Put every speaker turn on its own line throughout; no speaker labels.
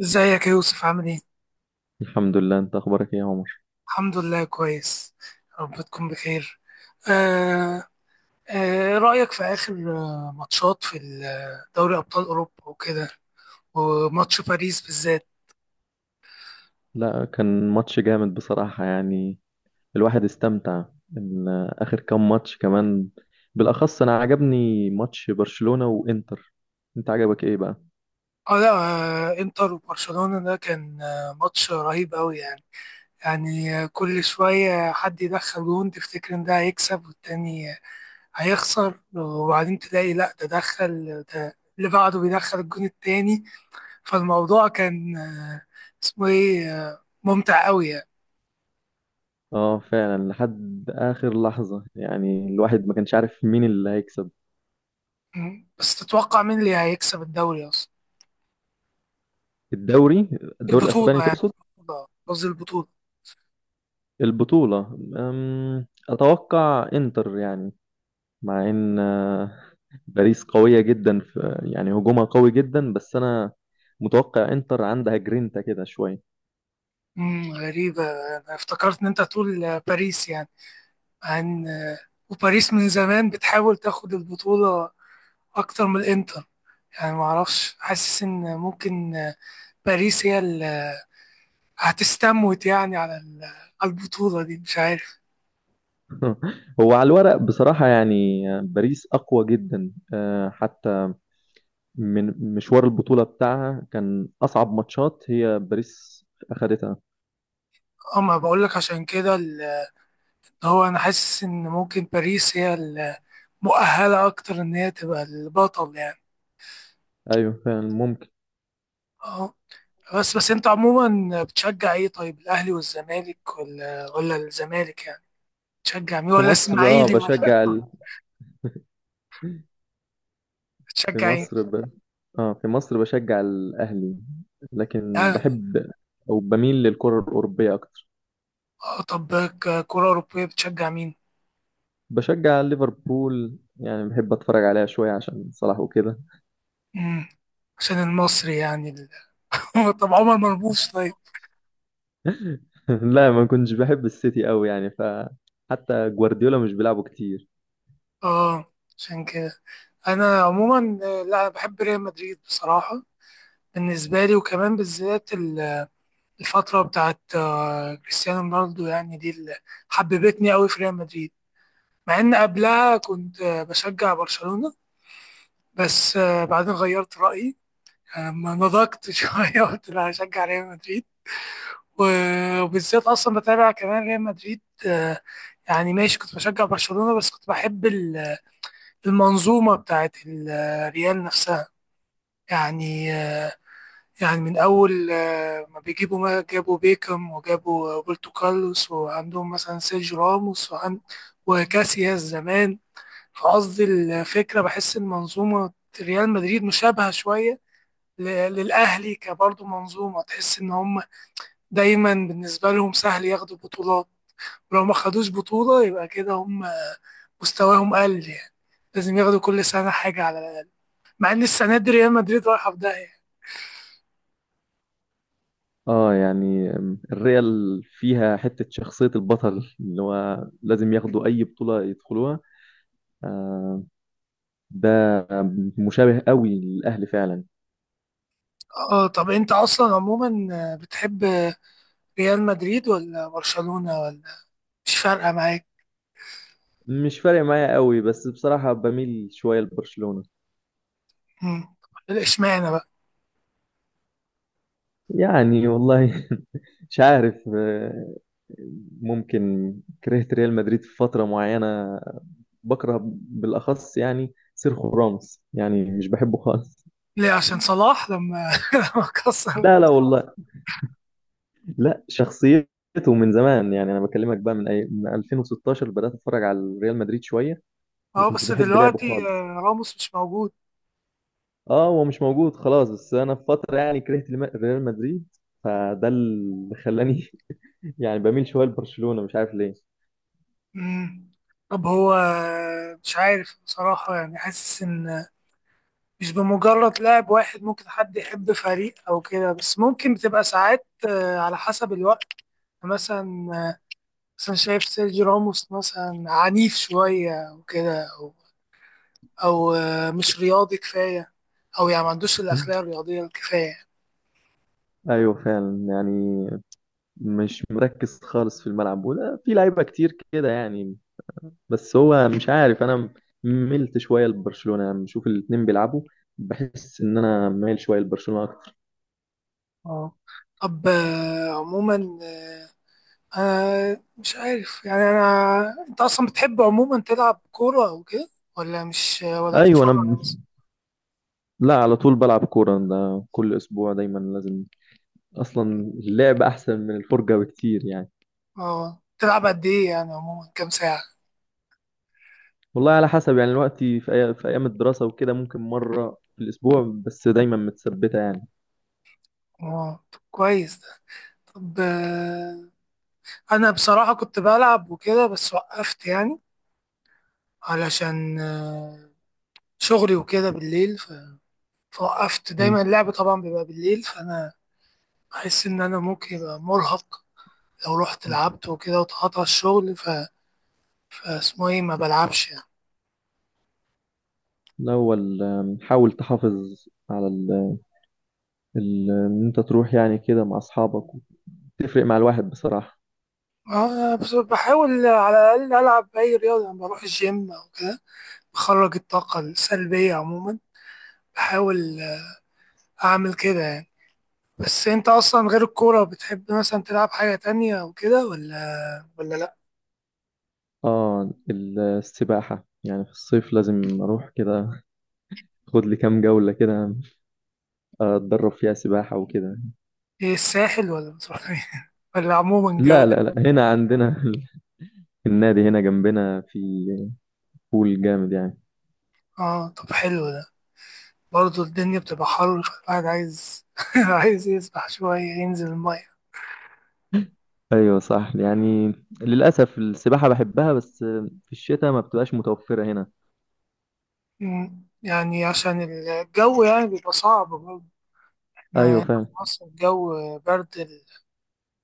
ازيك يا يوسف؟ عامل ايه؟
الحمد لله، انت اخبارك ايه يا عمر؟
الحمد لله، كويس. يا رب تكون بخير. آه إيه رأيك في آخر ماتشات في دوري أبطال أوروبا وكده؟ وماتش باريس بالذات.
لا، كان ماتش جامد بصراحة يعني. الواحد استمتع ان اخر كام ماتش كمان. بالاخص انا عجبني ماتش برشلونة وانتر. انت عجبك ايه بقى؟
اه لا، انتر وبرشلونة ده كان ماتش رهيب قوي يعني. يعني كل شوية حد يدخل جون، تفتكر ان ده هيكسب والتاني هيخسر، وبعدين تلاقي لا ده دخل، ده اللي بعده بيدخل الجون التاني. فالموضوع كان اسمه ايه ممتع قوي يعني.
اه فعلا، لحد اخر لحظة يعني الواحد ما كانش عارف مين اللي هيكسب.
مم. بس تتوقع مين اللي هيكسب الدوري اصلا؟
الدوري؟ الدوري الاسباني
البطولة يعني.
تقصد؟
البطولة، قصدي البطولة.
البطولة، اتوقع انتر يعني. مع ان باريس قوية جدا في يعني هجومها قوي جدا، بس انا متوقع انتر عندها جرينتا كده شوية.
مم، غريبة. انا افتكرت ان انت تقول باريس يعني. عن آه، وباريس من زمان بتحاول تاخد البطولة اكتر من الانتر. يعني معرفش، حاسس ان ممكن باريس هي هتستموت يعني على على البطولة دي، مش عارف.
هو على الورق بصراحة يعني باريس اقوى جدا. حتى من مشوار البطولة بتاعها، كان اصعب ماتشات هي باريس اخدتها.
اما بقول لك عشان كده هو انا حاسس ان ممكن باريس هي المؤهلة اكتر ان هي تبقى البطل يعني.
ايوه فعلا، ممكن.
اه. بس انت عموما بتشجع ايه؟ طيب الاهلي والزمالك، ولا الزمالك يعني؟ بتشجع مين؟
في
ولا
مصر
اسماعيلي ولا؟
بشجع في
بتشجع ايه؟
مصر اه في مصر بشجع الاهلي. لكن
اهلي.
بحب او بميل للكرة الاوروبية اكتر.
اه طب كرة اوروبية بتشجع مين؟
بشجع ليفربول يعني، بحب اتفرج عليها شوية عشان صلاح وكده.
امم عشان المصري يعني طب عمر مرموش طيب؟
لا، ما كنتش بحب السيتي قوي يعني، فحتى جوارديولا مش بيلعبه كتير.
اه عشان كده، انا عموما لا، أنا بحب ريال مدريد بصراحه. بالنسبه لي، وكمان بالذات الفتره بتاعت كريستيانو رونالدو يعني، دي اللي حببتني قوي في ريال مدريد. مع ان قبلها كنت بشجع برشلونه، بس بعدين غيرت رايي. ما نضجت شويه، قلت لا هشجع ريال مدريد. وبالذات اصلا بتابع كمان ريال مدريد. آه، يعني ماشي، كنت بشجع برشلونه بس كنت بحب المنظومه بتاعت ريال نفسها يعني. يعني من أول ما جابوا بيكم، وجابوا روبرتو كارلوس، وعندهم مثلا سيرجيو راموس، وكاسياس زمان. فقصدي الفكرة بحس إن منظومة ريال مدريد مشابهة شوية ل- للأهلي، كبرضه منظومة تحس إن هم دايما بالنسبة لهم سهل ياخدوا بطولات، ولو ما خدوش بطولة يبقى كده هم مستواهم قل يعني، لازم ياخدوا كل سنة حاجة على الأقل، مع إن السنة دي ريال مدريد رايحة في داهية.
اه يعني الريال فيها حتة شخصية البطل اللي هو لازم ياخدوا أي بطولة يدخلوها. آه ده مشابه قوي للأهلي فعلا.
اه طب انت اصلا عموما بتحب ريال مدريد ولا برشلونة ولا؟ مش فارقة معاك؟
مش فارق معايا قوي، بس بصراحة بميل شوية لبرشلونة.
مم. اشمعنى بقى؟
يعني والله مش عارف، ممكن كرهت ريال مدريد في فترة معينة. بكره بالأخص يعني سيرخو راموس، يعني مش بحبه خالص.
ليه؟ عشان صلاح لما لما
لا
كسر؟
لا والله، لا شخصيته من زمان يعني. أنا بكلمك بقى من من 2016 بدأت أتفرج على ريال مدريد شوية. ما
اه
كنتش
بس
بحب لعبه
دلوقتي
خالص.
راموس مش موجود.
اه، هو مش موجود خلاص، بس أنا في فترة يعني كرهت ريال مدريد. فده اللي خلاني يعني بميل شوية لبرشلونة، مش عارف ليه.
مم. طب هو مش عارف بصراحة، يعني حاسس إن مش بمجرد لاعب واحد ممكن حد يحب فريق أو كده، بس ممكن بتبقى ساعات على حسب الوقت. يعني مثلا شايف سيرجي راموس مثلا عنيف شوية وكده، او مش رياضي كفايه، او يعني ما عندوش الاخلاق الرياضيه الكفايه.
ايوه فعلا يعني، مش مركز خالص في الملعب، وده في لعيبه كتير كده يعني. بس هو مش عارف، انا ملت شويه لبرشلونه لما بشوف الاتنين بيلعبوا. بحس ان انا مايل شويه لبرشلونه اكتر.
اه طب عموما انا مش عارف يعني، انت اصلا بتحب عموما تلعب كوره او كده، ولا مش ولا
ايوه،
تتفرج
انا
بس؟
لا، على طول بلعب كوره، ده كل اسبوع دايما لازم. اصلا اللعب احسن من الفرجه بكتير يعني.
اه تلعب قد ايه يعني عموما كام ساعه؟
والله على حسب يعني الوقت، في ايام الدراسه وكده ممكن مره في الاسبوع، بس دايما متثبته يعني.
اه طب كويس ده. طب انا بصراحه كنت بلعب وكده بس وقفت يعني، علشان شغلي وكده بالليل، فوقفت.
مم.
دايما اللعب طبعا بيبقى بالليل فانا بحس إن أنا ممكن يبقى مرهق لو رحت لعبت وكده، واتقطع الشغل، فاسمه إيه ما بلعبش يعني.
الاول حاول تحافظ على ان انت تروح يعني كده مع اصحابك، تفرق مع الواحد بصراحة.
بس بحاول على الأقل ألعب أي رياضة لما بروح الجيم أو كده، بخرج الطاقة السلبية عموما. بحاول أعمل كده يعني. بس أنت أصلا غير الكورة بتحب مثلا تلعب حاجة تانية أو كده، ولا لأ؟
اه، السباحة يعني في الصيف لازم اروح كده، خد لي كام جولة كده اتدرب فيها سباحة وكده.
إيه، الساحل ولا بتروح فين؟ ولا عموما
لا لا
جولة؟
لا، هنا عندنا النادي هنا جنبنا، في بول جامد يعني.
آه طب حلو ده. برضه الدنيا بتبقى حر فالواحد عايز عايز يسبح شوية، ينزل المية.
ايوه صح يعني، للاسف السباحة بحبها، بس في الشتاء ما بتبقاش متوفرة هنا.
مم. يعني عشان الجو يعني بيبقى صعب برضه، احنا
ايوه
هنا
فعلا.
في مصر الجو برد،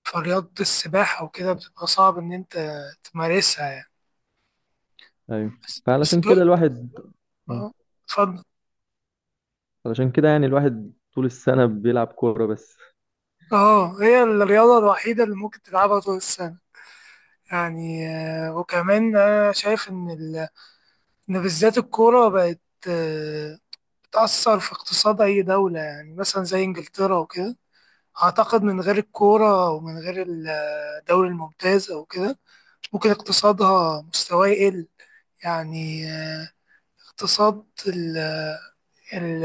فرياضة السباحة وكده بتبقى صعب إن أنت تمارسها يعني.
ايوه،
بس
فعلشان كده
دول.
الواحد، آه،
اه اتفضل.
علشان كده يعني الواحد طول السنة بيلعب كورة بس.
اه هي الرياضة الوحيدة اللي ممكن تلعبها طول السنة يعني. وكمان أنا شايف إن إن بالذات الكورة بقت آه، بتأثر في اقتصاد أي دولة، يعني مثلا زي إنجلترا وكده. أعتقد من غير الكورة ومن غير الدوري الممتاز أو كده ممكن اقتصادها مستواه يقل يعني. اقتصاد ال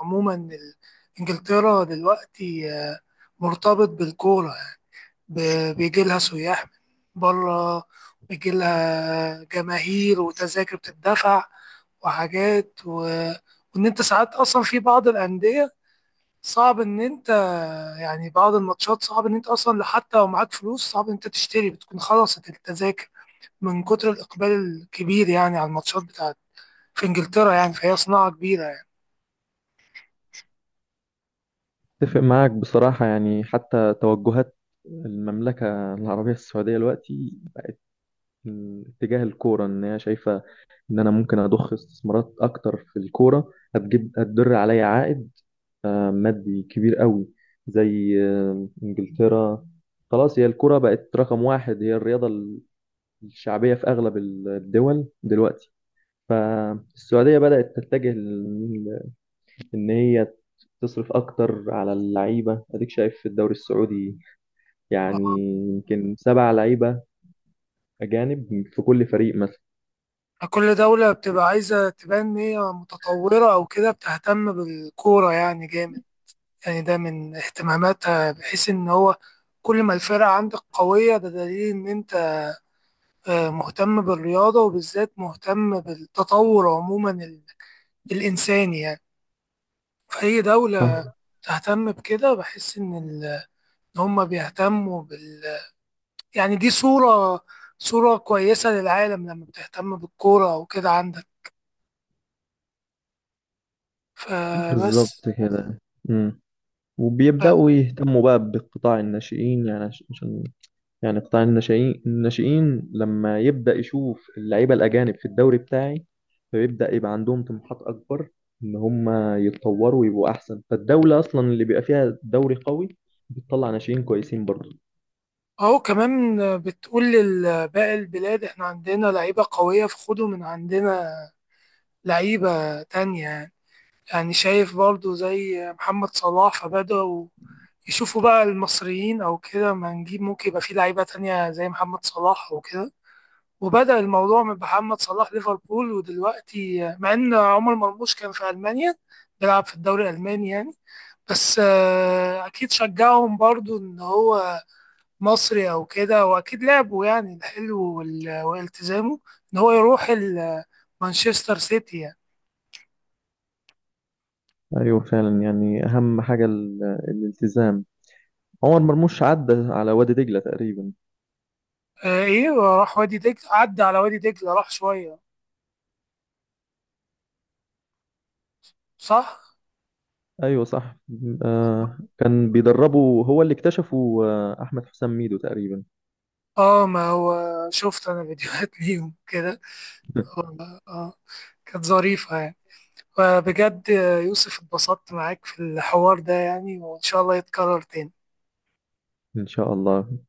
عموما انجلترا دلوقتي مرتبط بالكورة. بيجي لها سياح من بره، بيجي لها جماهير، وتذاكر بتدفع، وحاجات و... وان انت ساعات اصلا في بعض الاندية صعب ان انت، يعني بعض الماتشات صعب ان انت اصلا حتى لو معاك فلوس صعب ان انت تشتري، بتكون خلصت التذاكر من كتر الإقبال الكبير يعني، على الماتشات بتاعت في إنجلترا يعني. فهي صناعة كبيرة يعني.
اتفق معاك بصراحة، يعني حتى توجهات المملكة العربية السعودية دلوقتي تجاه الكورة، إن هي شايفة إن أنا ممكن أضخ استثمارات أكتر في الكورة هتدر عليا عائد مادي كبير قوي، زي إنجلترا. خلاص، هي الكورة بقت رقم واحد، هي الرياضة الشعبية في أغلب الدول دلوقتي. فالسعودية بدأت تتجه إن هي تصرف أكتر على اللعيبة. أديك شايف في الدوري السعودي يعني يمكن 7 لعيبة أجانب في كل فريق مثلا.
كل دولة بتبقى عايزة تبان إن هي متطورة أو كده، بتهتم بالكورة يعني جامد. يعني ده من اهتماماتها، بحيث إن هو كل ما الفرقة عندك قوية ده دليل إن أنت مهتم بالرياضة، وبالذات مهتم بالتطور عموما الإنساني يعني. فأي دولة
صح.
تهتم بكده بحس إن إن هما بيهتموا يعني. دي صورة كويسة للعالم لما بتهتم بالكورة وكده عندك. فبس.
بالظبط كده. مم.
ف-
وبيبدأوا يهتموا بقى بقطاع الناشئين يعني عشان يعني قطاع الناشئين لما يبدأ يشوف اللعيبة الأجانب في الدوري بتاعي، فبيبدأ يبقى عندهم طموحات أكبر إن هم يتطوروا ويبقوا أحسن. فالدولة أصلا اللي بيبقى فيها دوري قوي بتطلع ناشئين كويسين برضه.
أهو كمان بتقول لباقي البلاد إحنا عندنا لعيبة قوية، فخدوا من عندنا لعيبة تانية يعني. يعني شايف برضو زي محمد صلاح، فبدأوا يشوفوا بقى المصريين أو كده، ما نجيب ممكن يبقى في لعيبة تانية زي محمد صلاح وكده. وبدأ الموضوع من محمد صلاح ليفربول، ودلوقتي مع ان عمر مرموش كان في ألمانيا بيلعب في الدوري الألماني يعني. بس أكيد شجعهم برضو إن هو مصري أو كده، وأكيد لعبه يعني الحلو والتزامه إن هو يروح مانشستر سيتي يعني.
ايوه فعلا يعني، اهم حاجة الالتزام. عمر مرموش عدى على وادي دجلة تقريبا.
إيه وراح وادي دجلة، عدى على وادي دجلة راح شوية صح؟
ايوه صح. كان بيدربه، هو اللي اكتشفه احمد حسام ميدو تقريبا.
اه ما هو شفت أنا فيديوهات ليهم كده. آه آه، كانت ظريفة يعني. فبجد يوسف اتبسطت معاك في الحوار ده يعني، وإن شاء الله يتكرر تاني.
ان شاء الله.